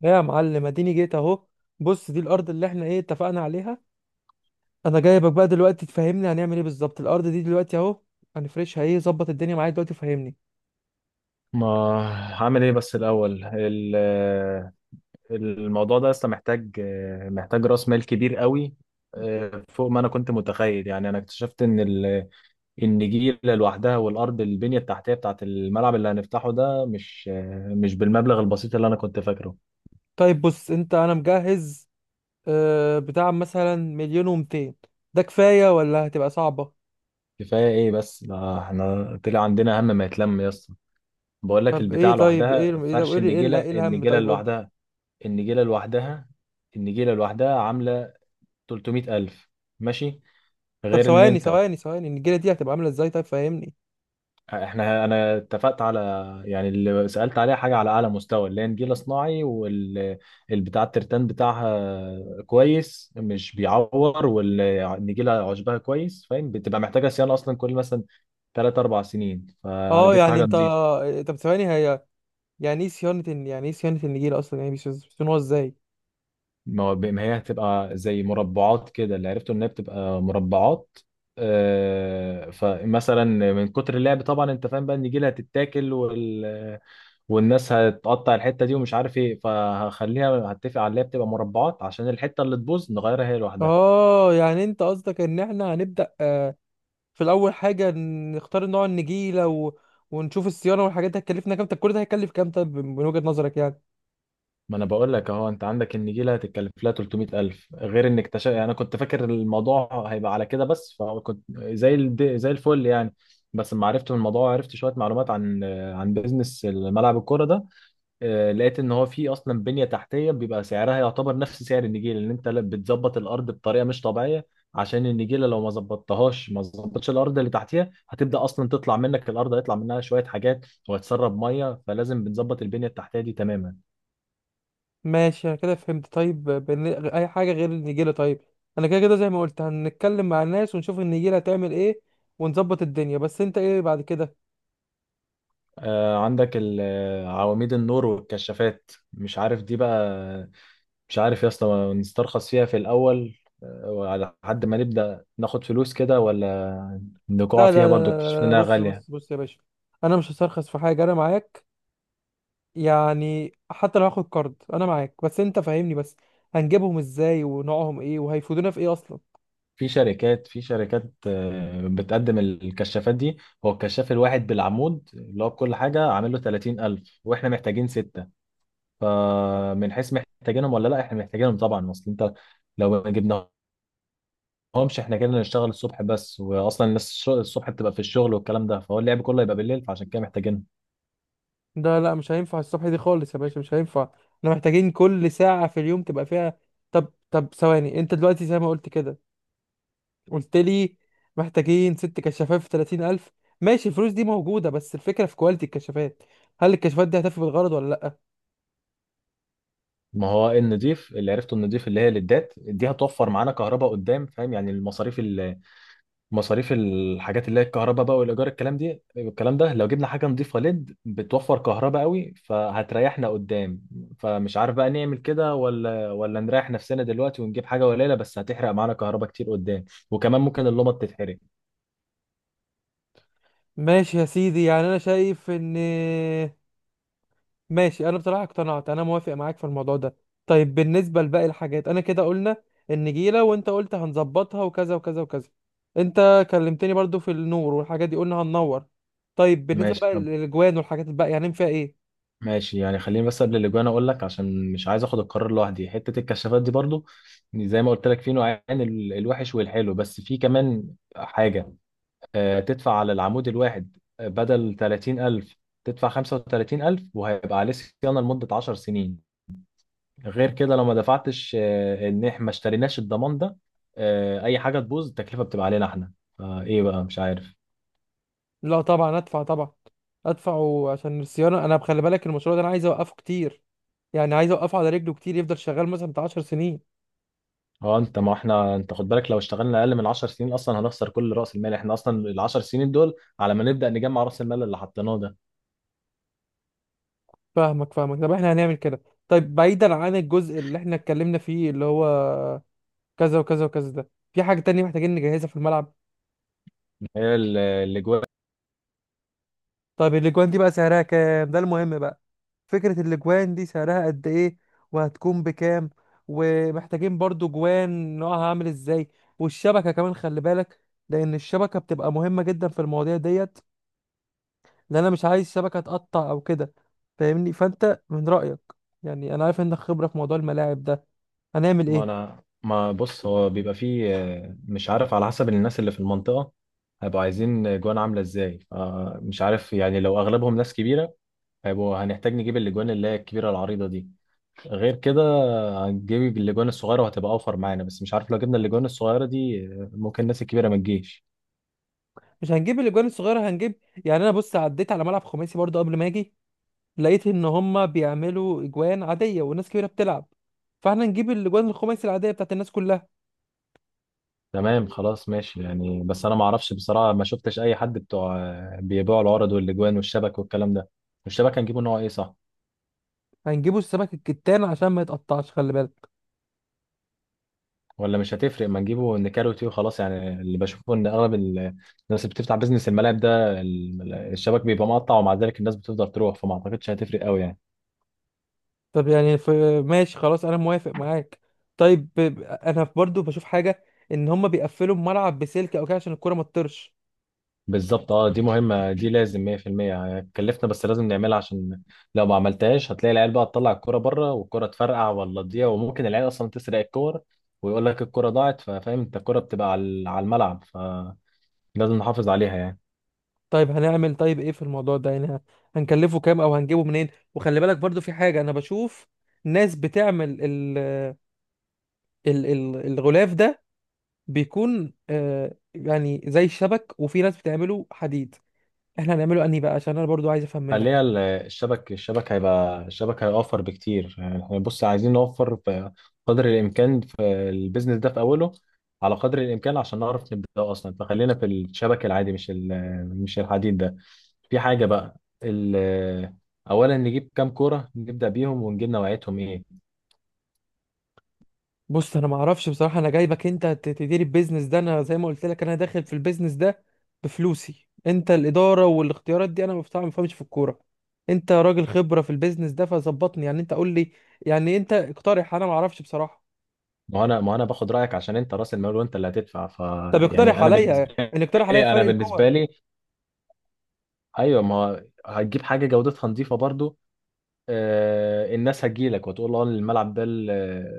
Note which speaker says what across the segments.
Speaker 1: لا يا معلم اديني جيت اهو. بص دي الارض اللي احنا اتفقنا عليها. انا جايبك بقى دلوقتي تفهمني هنعمل ايه بالظبط. الارض دي دلوقتي اهو هنفرشها ايه، ظبط الدنيا معايا دلوقتي فهمني.
Speaker 2: ما هعمل ايه بس الاول الموضوع ده لسه محتاج محتاج راس مال كبير قوي. فوق ما انا كنت متخيل. يعني انا اكتشفت ان النجيله لوحدها والارض البنيه التحتيه بتاعت الملعب اللي هنفتحه ده مش مش بالمبلغ البسيط اللي انا كنت فاكره.
Speaker 1: طيب بص، انت انا مجهز آه بتاع مثلا مليون ومتين، ده كفاية ولا هتبقى صعبة؟
Speaker 2: كفايه ايه؟ بس ده احنا طلع عندنا هم ما يتلم يا اسطى. بقول لك
Speaker 1: طب ايه،
Speaker 2: البتاع
Speaker 1: طيب
Speaker 2: لوحدها،
Speaker 1: ايه ايه، طب
Speaker 2: فرش
Speaker 1: قولي ايه
Speaker 2: النجيله،
Speaker 1: ايه الهم، طيب قولي.
Speaker 2: النجيله لوحدها النجيله لوحدها عامله 300000. ماشي،
Speaker 1: طب
Speaker 2: غير ان
Speaker 1: ثواني
Speaker 2: انت
Speaker 1: ثواني ثواني، النجيلة دي هتبقى عاملة ازاي طيب، فهمني.
Speaker 2: انا اتفقت على، يعني اللي سألت عليها، حاجة على اعلى مستوى، اللي هي نجيلة صناعي والبتاع الترتان بتاعها كويس مش بيعور، والنجيلة عشبها كويس فاهم، بتبقى محتاجة صيانة اصلا كل مثلا 3 4 سنين،
Speaker 1: اه
Speaker 2: فجبت
Speaker 1: يعني
Speaker 2: حاجة
Speaker 1: انت،
Speaker 2: نظيفة.
Speaker 1: طب ثواني هي يعني ايه صيانة يعني ايه صيانة النجيلة اصلا، يعني بيصونوها ازاي؟
Speaker 2: ما هي هتبقى زي مربعات كده، اللي عرفته ان هي بتبقى مربعات. فمثلا من كتر اللعب طبعا انت فاهم بقى النجيلة هتتاكل، والناس هتقطع الحته دي ومش عارف ايه، فهخليها هتفق عليها بتبقى مربعات عشان الحته اللي تبوظ نغيرها هي لوحدها.
Speaker 1: اه يعني انت قصدك ان احنا هنبدأ في الاول حاجة، نختار نوع النجيلة ونشوف الصيانة والحاجات دي هتكلفنا كام. طب كل ده هيكلف كام، طب من وجهة نظرك يعني؟
Speaker 2: ما انا بقول لك اهو، انت عندك النجيله هتتكلف لها 300000 غير انك يعني انا كنت فاكر الموضوع هيبقى على كده بس، فكنت زي الفل يعني. بس لما عرفت من الموضوع، عرفت شويه معلومات عن بيزنس ملعب الكوره ده. لقيت ان هو في اصلا بنيه تحتيه بيبقى سعرها يعتبر نفس سعر النجيله، لان انت بتظبط الارض بطريقه مش طبيعيه. عشان النجيله لو ما ظبطتهاش، ما ظبطتش الارض اللي تحتيها هتبدا اصلا تطلع منك الارض، هيطلع منها شويه حاجات وهتسرب ميه، فلازم بنظبط البنيه التحتيه دي تماما.
Speaker 1: ماشي، انا كده فهمت. طيب اي حاجة غير النجيلة طيب؟ انا كده كده زي ما قلت هنتكلم مع الناس ونشوف النجيلة هتعمل ايه ونظبط الدنيا، بس انت ايه بعد كده؟
Speaker 2: عندك عواميد النور والكشافات، مش عارف دي بقى، مش عارف يا اسطى نسترخص فيها في الاول، وعلى حد ما نبدا ناخد فلوس كده، ولا نقع
Speaker 1: لا
Speaker 2: فيها
Speaker 1: لا لا لا,
Speaker 2: برضو
Speaker 1: لا,
Speaker 2: اكتشفنا
Speaker 1: لا
Speaker 2: انها
Speaker 1: بص
Speaker 2: غاليه.
Speaker 1: بص بص يا باشا، انا مش هسترخص في حاجة، انا معاك. يعني حتى لو هاخد كارد انا معاك، بس انت فاهمني، بس هنجيبهم ازاي ونوعهم ايه وهيفيدونا في ايه اصلا؟
Speaker 2: في شركات بتقدم الكشافات دي. هو الكشاف الواحد بالعمود اللي هو بكل حاجة عامل له 30000، واحنا محتاجين ستة. فمن حيث محتاجينهم ولا لا، احنا محتاجينهم طبعا. اصل انت لو ما جبناهمش، احنا كده نشتغل الصبح بس، واصلا الناس الصبح بتبقى في الشغل والكلام ده، فهو اللعب كله يبقى بالليل، فعشان كده محتاجينهم.
Speaker 1: ده لا، مش هينفع الصبح دي خالص يا باشا، مش هينفع. احنا محتاجين كل ساعة في اليوم تبقى فيها. طب طب ثواني، انت دلوقتي زي ما قلت كده قلت لي محتاجين ست كشافات في 30000. ماشي، الفلوس دي موجودة، بس الفكرة في كواليتي الكشافات. هل الكشافات دي هتفي بالغرض ولا لا؟
Speaker 2: ما هو النضيف اللي عرفته، النضيف اللي هي الليدات دي، هتوفر معانا كهرباء قدام فاهم، يعني المصاريف، مصاريف الحاجات اللي هي الكهرباء بقى والايجار الكلام ده، لو جبنا حاجه نضيفه ليد بتوفر كهرباء قوي فهتريحنا قدام. فمش عارف بقى نعمل كده، ولا نريح نفسنا دلوقتي ونجيب حاجه قليله بس هتحرق معانا كهرباء كتير قدام، وكمان ممكن اللمبه تتحرق.
Speaker 1: ماشي يا سيدي، يعني انا شايف ان، ماشي، انا بصراحه اقتنعت، انا موافق معاك في الموضوع ده. طيب بالنسبه لباقي الحاجات، انا كده قلنا النجيله وانت قلت هنظبطها وكذا وكذا وكذا. انت كلمتني برضو في النور والحاجات دي، قلنا هننور. طيب بالنسبه
Speaker 2: ماشي.
Speaker 1: بقى
Speaker 2: طب
Speaker 1: للاجوان والحاجات الباقيه هنعمل فيها ايه؟
Speaker 2: ماشي، يعني خليني بس قبل الاجوان اقول لك، عشان مش عايز اخد القرار لوحدي، حته الكشافات دي برضو، زي ما قلت لك في نوعين، الوحش والحلو، بس في كمان حاجه، تدفع على العمود الواحد، بدل 30000 تدفع 35000، وهيبقى عليه صيانة لمدة 10 سنين. غير كده لو ما دفعتش، ان احنا ما اشتريناش الضمان ده، اي حاجة تبوظ التكلفة بتبقى علينا احنا. فايه بقى؟ مش عارف.
Speaker 1: لا طبعا ادفع، طبعا ادفع عشان الصيانه. انا بخلي بالك المشروع ده انا عايز اوقفه كتير، يعني عايز اوقفه على رجله كتير، يفضل شغال مثلا بتاع 10 سنين.
Speaker 2: اه. انت ما احنا انت خد بالك، لو اشتغلنا اقل من 10 سنين اصلا هنخسر كل راس المال. احنا اصلا ال 10 سنين دول على ما نبدأ نجمع راس المال اللي حطيناه ده.
Speaker 1: فاهمك فاهمك. طب احنا هنعمل كده. طيب بعيدا عن الجزء اللي احنا اتكلمنا فيه اللي هو كذا وكذا وكذا، ده في حاجة تانية محتاجين نجهزها في الملعب؟
Speaker 2: هي اللي جوه.
Speaker 1: طيب الاجوان دي بقى سعرها كام، ده المهم بقى. فكرة الاجوان دي سعرها قد ايه وهتكون بكام؟ ومحتاجين برضو جوان نوعها عامل ازاي، والشبكة كمان خلي بالك، لان الشبكة بتبقى مهمة جدا في المواضيع ديت، لان انا مش عايز شبكة تقطع او كده. فاهمني؟ فانت من رأيك، يعني انا عارف انك خبرة في موضوع الملاعب ده، هنعمل
Speaker 2: ما
Speaker 1: ايه؟
Speaker 2: انا ما بص هو بيبقى فيه، مش عارف على حسب الناس اللي في المنطقة هيبقوا عايزين جوان عاملة ازاي. فمش عارف يعني، لو اغلبهم ناس كبيرة، هنحتاج نجيب الاجوان اللي هي الكبيرة العريضة دي. غير كده هنجيب الاجوان الصغيرة وهتبقى اوفر معانا، بس مش عارف لو جبنا الاجوان الصغيرة دي، ممكن الناس الكبيرة ما تجيش.
Speaker 1: مش هنجيب الاجوان الصغيرة، هنجيب، يعني انا بص عديت على ملعب خماسي برضو قبل ما اجي، لقيت ان هم بيعملوا اجوان عاديه وناس كبيره بتلعب، فاحنا نجيب الاجوان الخماسي العاديه بتاعت الناس كلها.
Speaker 2: تمام خلاص ماشي يعني، بس انا ما اعرفش بصراحة، ما شفتش اي حد بتوع بيبيعوا العرض والاجوان والشبك والكلام ده. الشبك هنجيبه نوع ايه؟ صح
Speaker 1: هنجيبوا السمك الكتان عشان ما يتقطعش، خلي بالك.
Speaker 2: ولا مش هتفرق؟ ما نجيبه نكاروتي وخلاص، يعني اللي بشوفه ان اغلب الناس اللي بتفتح بيزنس الملاعب ده، الشبك بيبقى مقطع ومع ذلك الناس بتفضل تروح، فما اعتقدش هتفرق قوي يعني.
Speaker 1: طب يعني ماشي خلاص، انا موافق معاك. طيب انا برضو بشوف حاجه، ان هم بيقفلوا الملعب بسلك او كده عشان الكره ما تطرش.
Speaker 2: بالظبط، اه، دي مهمة، دي لازم 100%. هتكلفنا بس لازم نعملها، عشان لو ما عملتهاش هتلاقي العيال بقى تطلع الكرة بره والكرة تفرقع ولا تضيع، وممكن العيال اصلا تسرق الكور ويقول لك الكرة ضاعت. ففاهم انت الكرة بتبقى على الملعب، فلازم نحافظ عليها يعني.
Speaker 1: طيب هنعمل، طيب ايه في الموضوع ده يعني هنكلفه كام او هنجيبه منين؟ وخلي بالك برضو في حاجه انا بشوف ناس بتعمل الغلاف ده بيكون آه يعني زي الشبك، وفي ناس بتعمله حديد. احنا هنعمله انهي بقى، عشان انا برضو عايز افهم
Speaker 2: خليها
Speaker 1: منك.
Speaker 2: الشبك هيبقى، الشبك هيوفر بكتير. يعني احنا بص عايزين نوفر في قدر الامكان في البيزنس ده في اوله، على قدر الامكان، عشان نعرف نبدا اصلا. فخلينا في الشبك العادي، مش الحديد ده. في حاجه بقى، ال- اولا نجيب كام كوره نبدا بيهم ونجيب نوعيتهم ايه؟
Speaker 1: بص انا ما اعرفش بصراحه، انا جايبك انت تدير البيزنس ده، انا زي ما قلت لك انا داخل في البيزنس ده بفلوسي. انت الاداره والاختيارات دي، انا ما بصراحة ما بفهمش في الكوره. انت راجل خبره في البيزنس ده، فظبطني يعني، انت قول لي، يعني انت اقترح، انا ما اعرفش بصراحه.
Speaker 2: ما هو انا باخد رايك عشان انت راس المال وانت اللي هتدفع.
Speaker 1: طب اقترح
Speaker 2: يعني انا
Speaker 1: عليا،
Speaker 2: بالنسبه
Speaker 1: ان اقترح عليا
Speaker 2: لي،
Speaker 1: فرق الكور.
Speaker 2: ايوه. ما هو هتجيب حاجه جودتها نظيفه برضو، الناس هتجيلك وتقول له اه، الملعب ده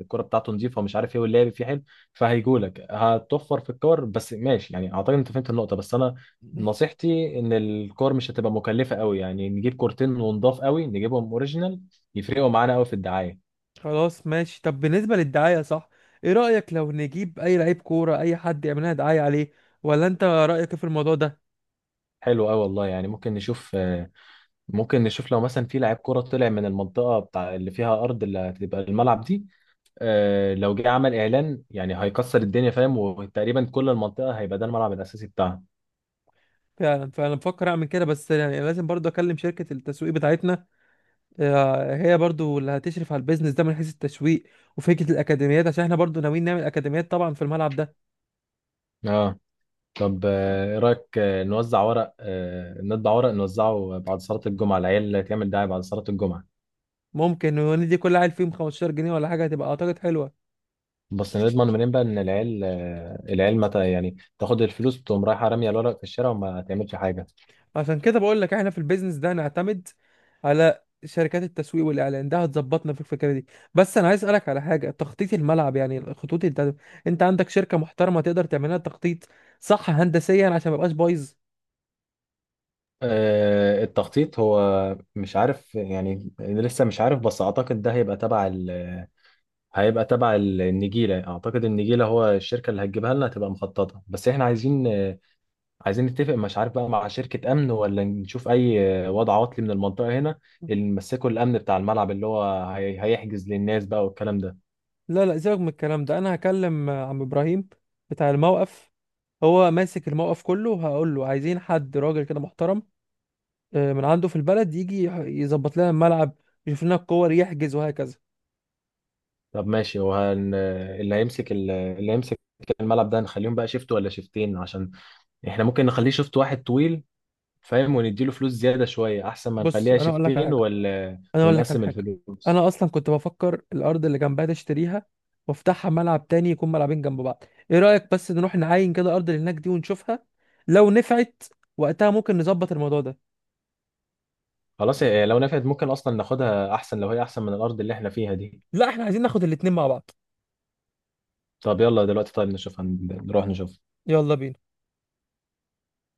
Speaker 2: الكرة بتاعته نظيفة ومش عارف ايه، واللعب فيه حلو. فهيجولك هتوفر في الكور، بس ماشي يعني اعتقد انت فهمت النقطة. بس انا نصيحتي ان الكور مش هتبقى مكلفة قوي، يعني نجيب كورتين ونضاف قوي، نجيبهم اوريجينال يفرقوا معانا قوي في الدعاية.
Speaker 1: خلاص ماشي. طب بالنسبة للدعاية صح، ايه رأيك لو نجيب اي لعيب كورة اي حد يعمل لنا دعاية عليه، ولا انت رأيك إيه في الموضوع ده؟
Speaker 2: حلو قوي والله، يعني ممكن نشوف، لو مثلا في لاعب كرة طلع من المنطقة بتاع اللي فيها أرض اللي هتبقى الملعب دي، لو جه عمل إعلان يعني هيكسر الدنيا فاهم، وتقريبا كل المنطقة هيبقى ده الملعب الأساسي بتاعها.
Speaker 1: فعلا، فانا بفكر اعمل كده، بس يعني لازم برضو اكلم شركة التسويق بتاعتنا. هي برضو اللي هتشرف على البيزنس ده من حيث التسويق وفكرة الاكاديميات، عشان احنا برضو ناويين نعمل اكاديميات طبعا في الملعب ده.
Speaker 2: اه. طب ايه رايك، نوزع ورق آه، نطبع ورق نوزعه بعد صلاه الجمعه، العيال تعمل دعايه بعد صلاه الجمعه؟
Speaker 1: ممكن وندي كل عيل فيهم 15 جنيه ولا حاجة، هتبقى اعتقد حلوة.
Speaker 2: بس نضمن منين بقى ان العيال متى يعني تاخد الفلوس تقوم رايحه راميه الورق في الشارع وما تعملش حاجه؟
Speaker 1: عشان كده بقول لك احنا في البيزنس ده نعتمد على شركات التسويق والاعلان، ده هتظبطنا في الفكره دي. بس انا عايز اسالك على حاجه، تخطيط الملعب يعني الخطوط، انت انت عندك شركه محترمه تقدر تعملها تخطيط صح هندسيا عشان ما يبقاش بايظ؟
Speaker 2: التخطيط هو، مش عارف يعني، لسه مش عارف، بس اعتقد ده هيبقى تبع النجيله. اعتقد النجيله، هو الشركه اللي هتجيبها لنا هتبقى مخططه، بس احنا عايزين، نتفق مش عارف بقى مع شركة أمن، ولا نشوف أي وضع عطلي من المنطقة هنا اللي نمسكوا الأمن بتاع الملعب، اللي هو هيحجز للناس بقى والكلام ده.
Speaker 1: لا، سيبك من الكلام ده، انا هكلم عم ابراهيم بتاع الموقف. هو ماسك الموقف كله، وهقول له عايزين حد راجل كده محترم من عنده في البلد يجي يظبط لنا الملعب، يشوف لنا الكور، يحجز، وهكذا.
Speaker 2: طب ماشي. وهن اللي هيمسك الملعب ده، نخليهم بقى شيفت ولا شيفتين؟ عشان احنا ممكن نخليه شيفت واحد طويل فاهم، ونديله فلوس زيادة شوية أحسن ما
Speaker 1: بص
Speaker 2: نخليها
Speaker 1: انا اقول لك على
Speaker 2: شيفتين
Speaker 1: حاجه،
Speaker 2: ولا
Speaker 1: انا اقول لك على
Speaker 2: ونقسم
Speaker 1: حاجه.
Speaker 2: الفلوس.
Speaker 1: انا اصلا كنت بفكر الارض اللي جنبها تشتريها وافتحها ملعب تاني، يكون ملعبين جنب بعض. ايه رايك بس نروح نعاين كده الارض اللي هناك دي ونشوفها، لو نفعت وقتها ممكن نظبط الموضوع ده.
Speaker 2: خلاص، لو نفعت ممكن أصلا ناخدها، أحسن لو هي أحسن من الأرض اللي احنا فيها دي.
Speaker 1: لا احنا عايزين ناخد الاتنين مع بعض.
Speaker 2: طب يلا دلوقتي، طيب نشوف، نروح نشوف.
Speaker 1: يلا بينا.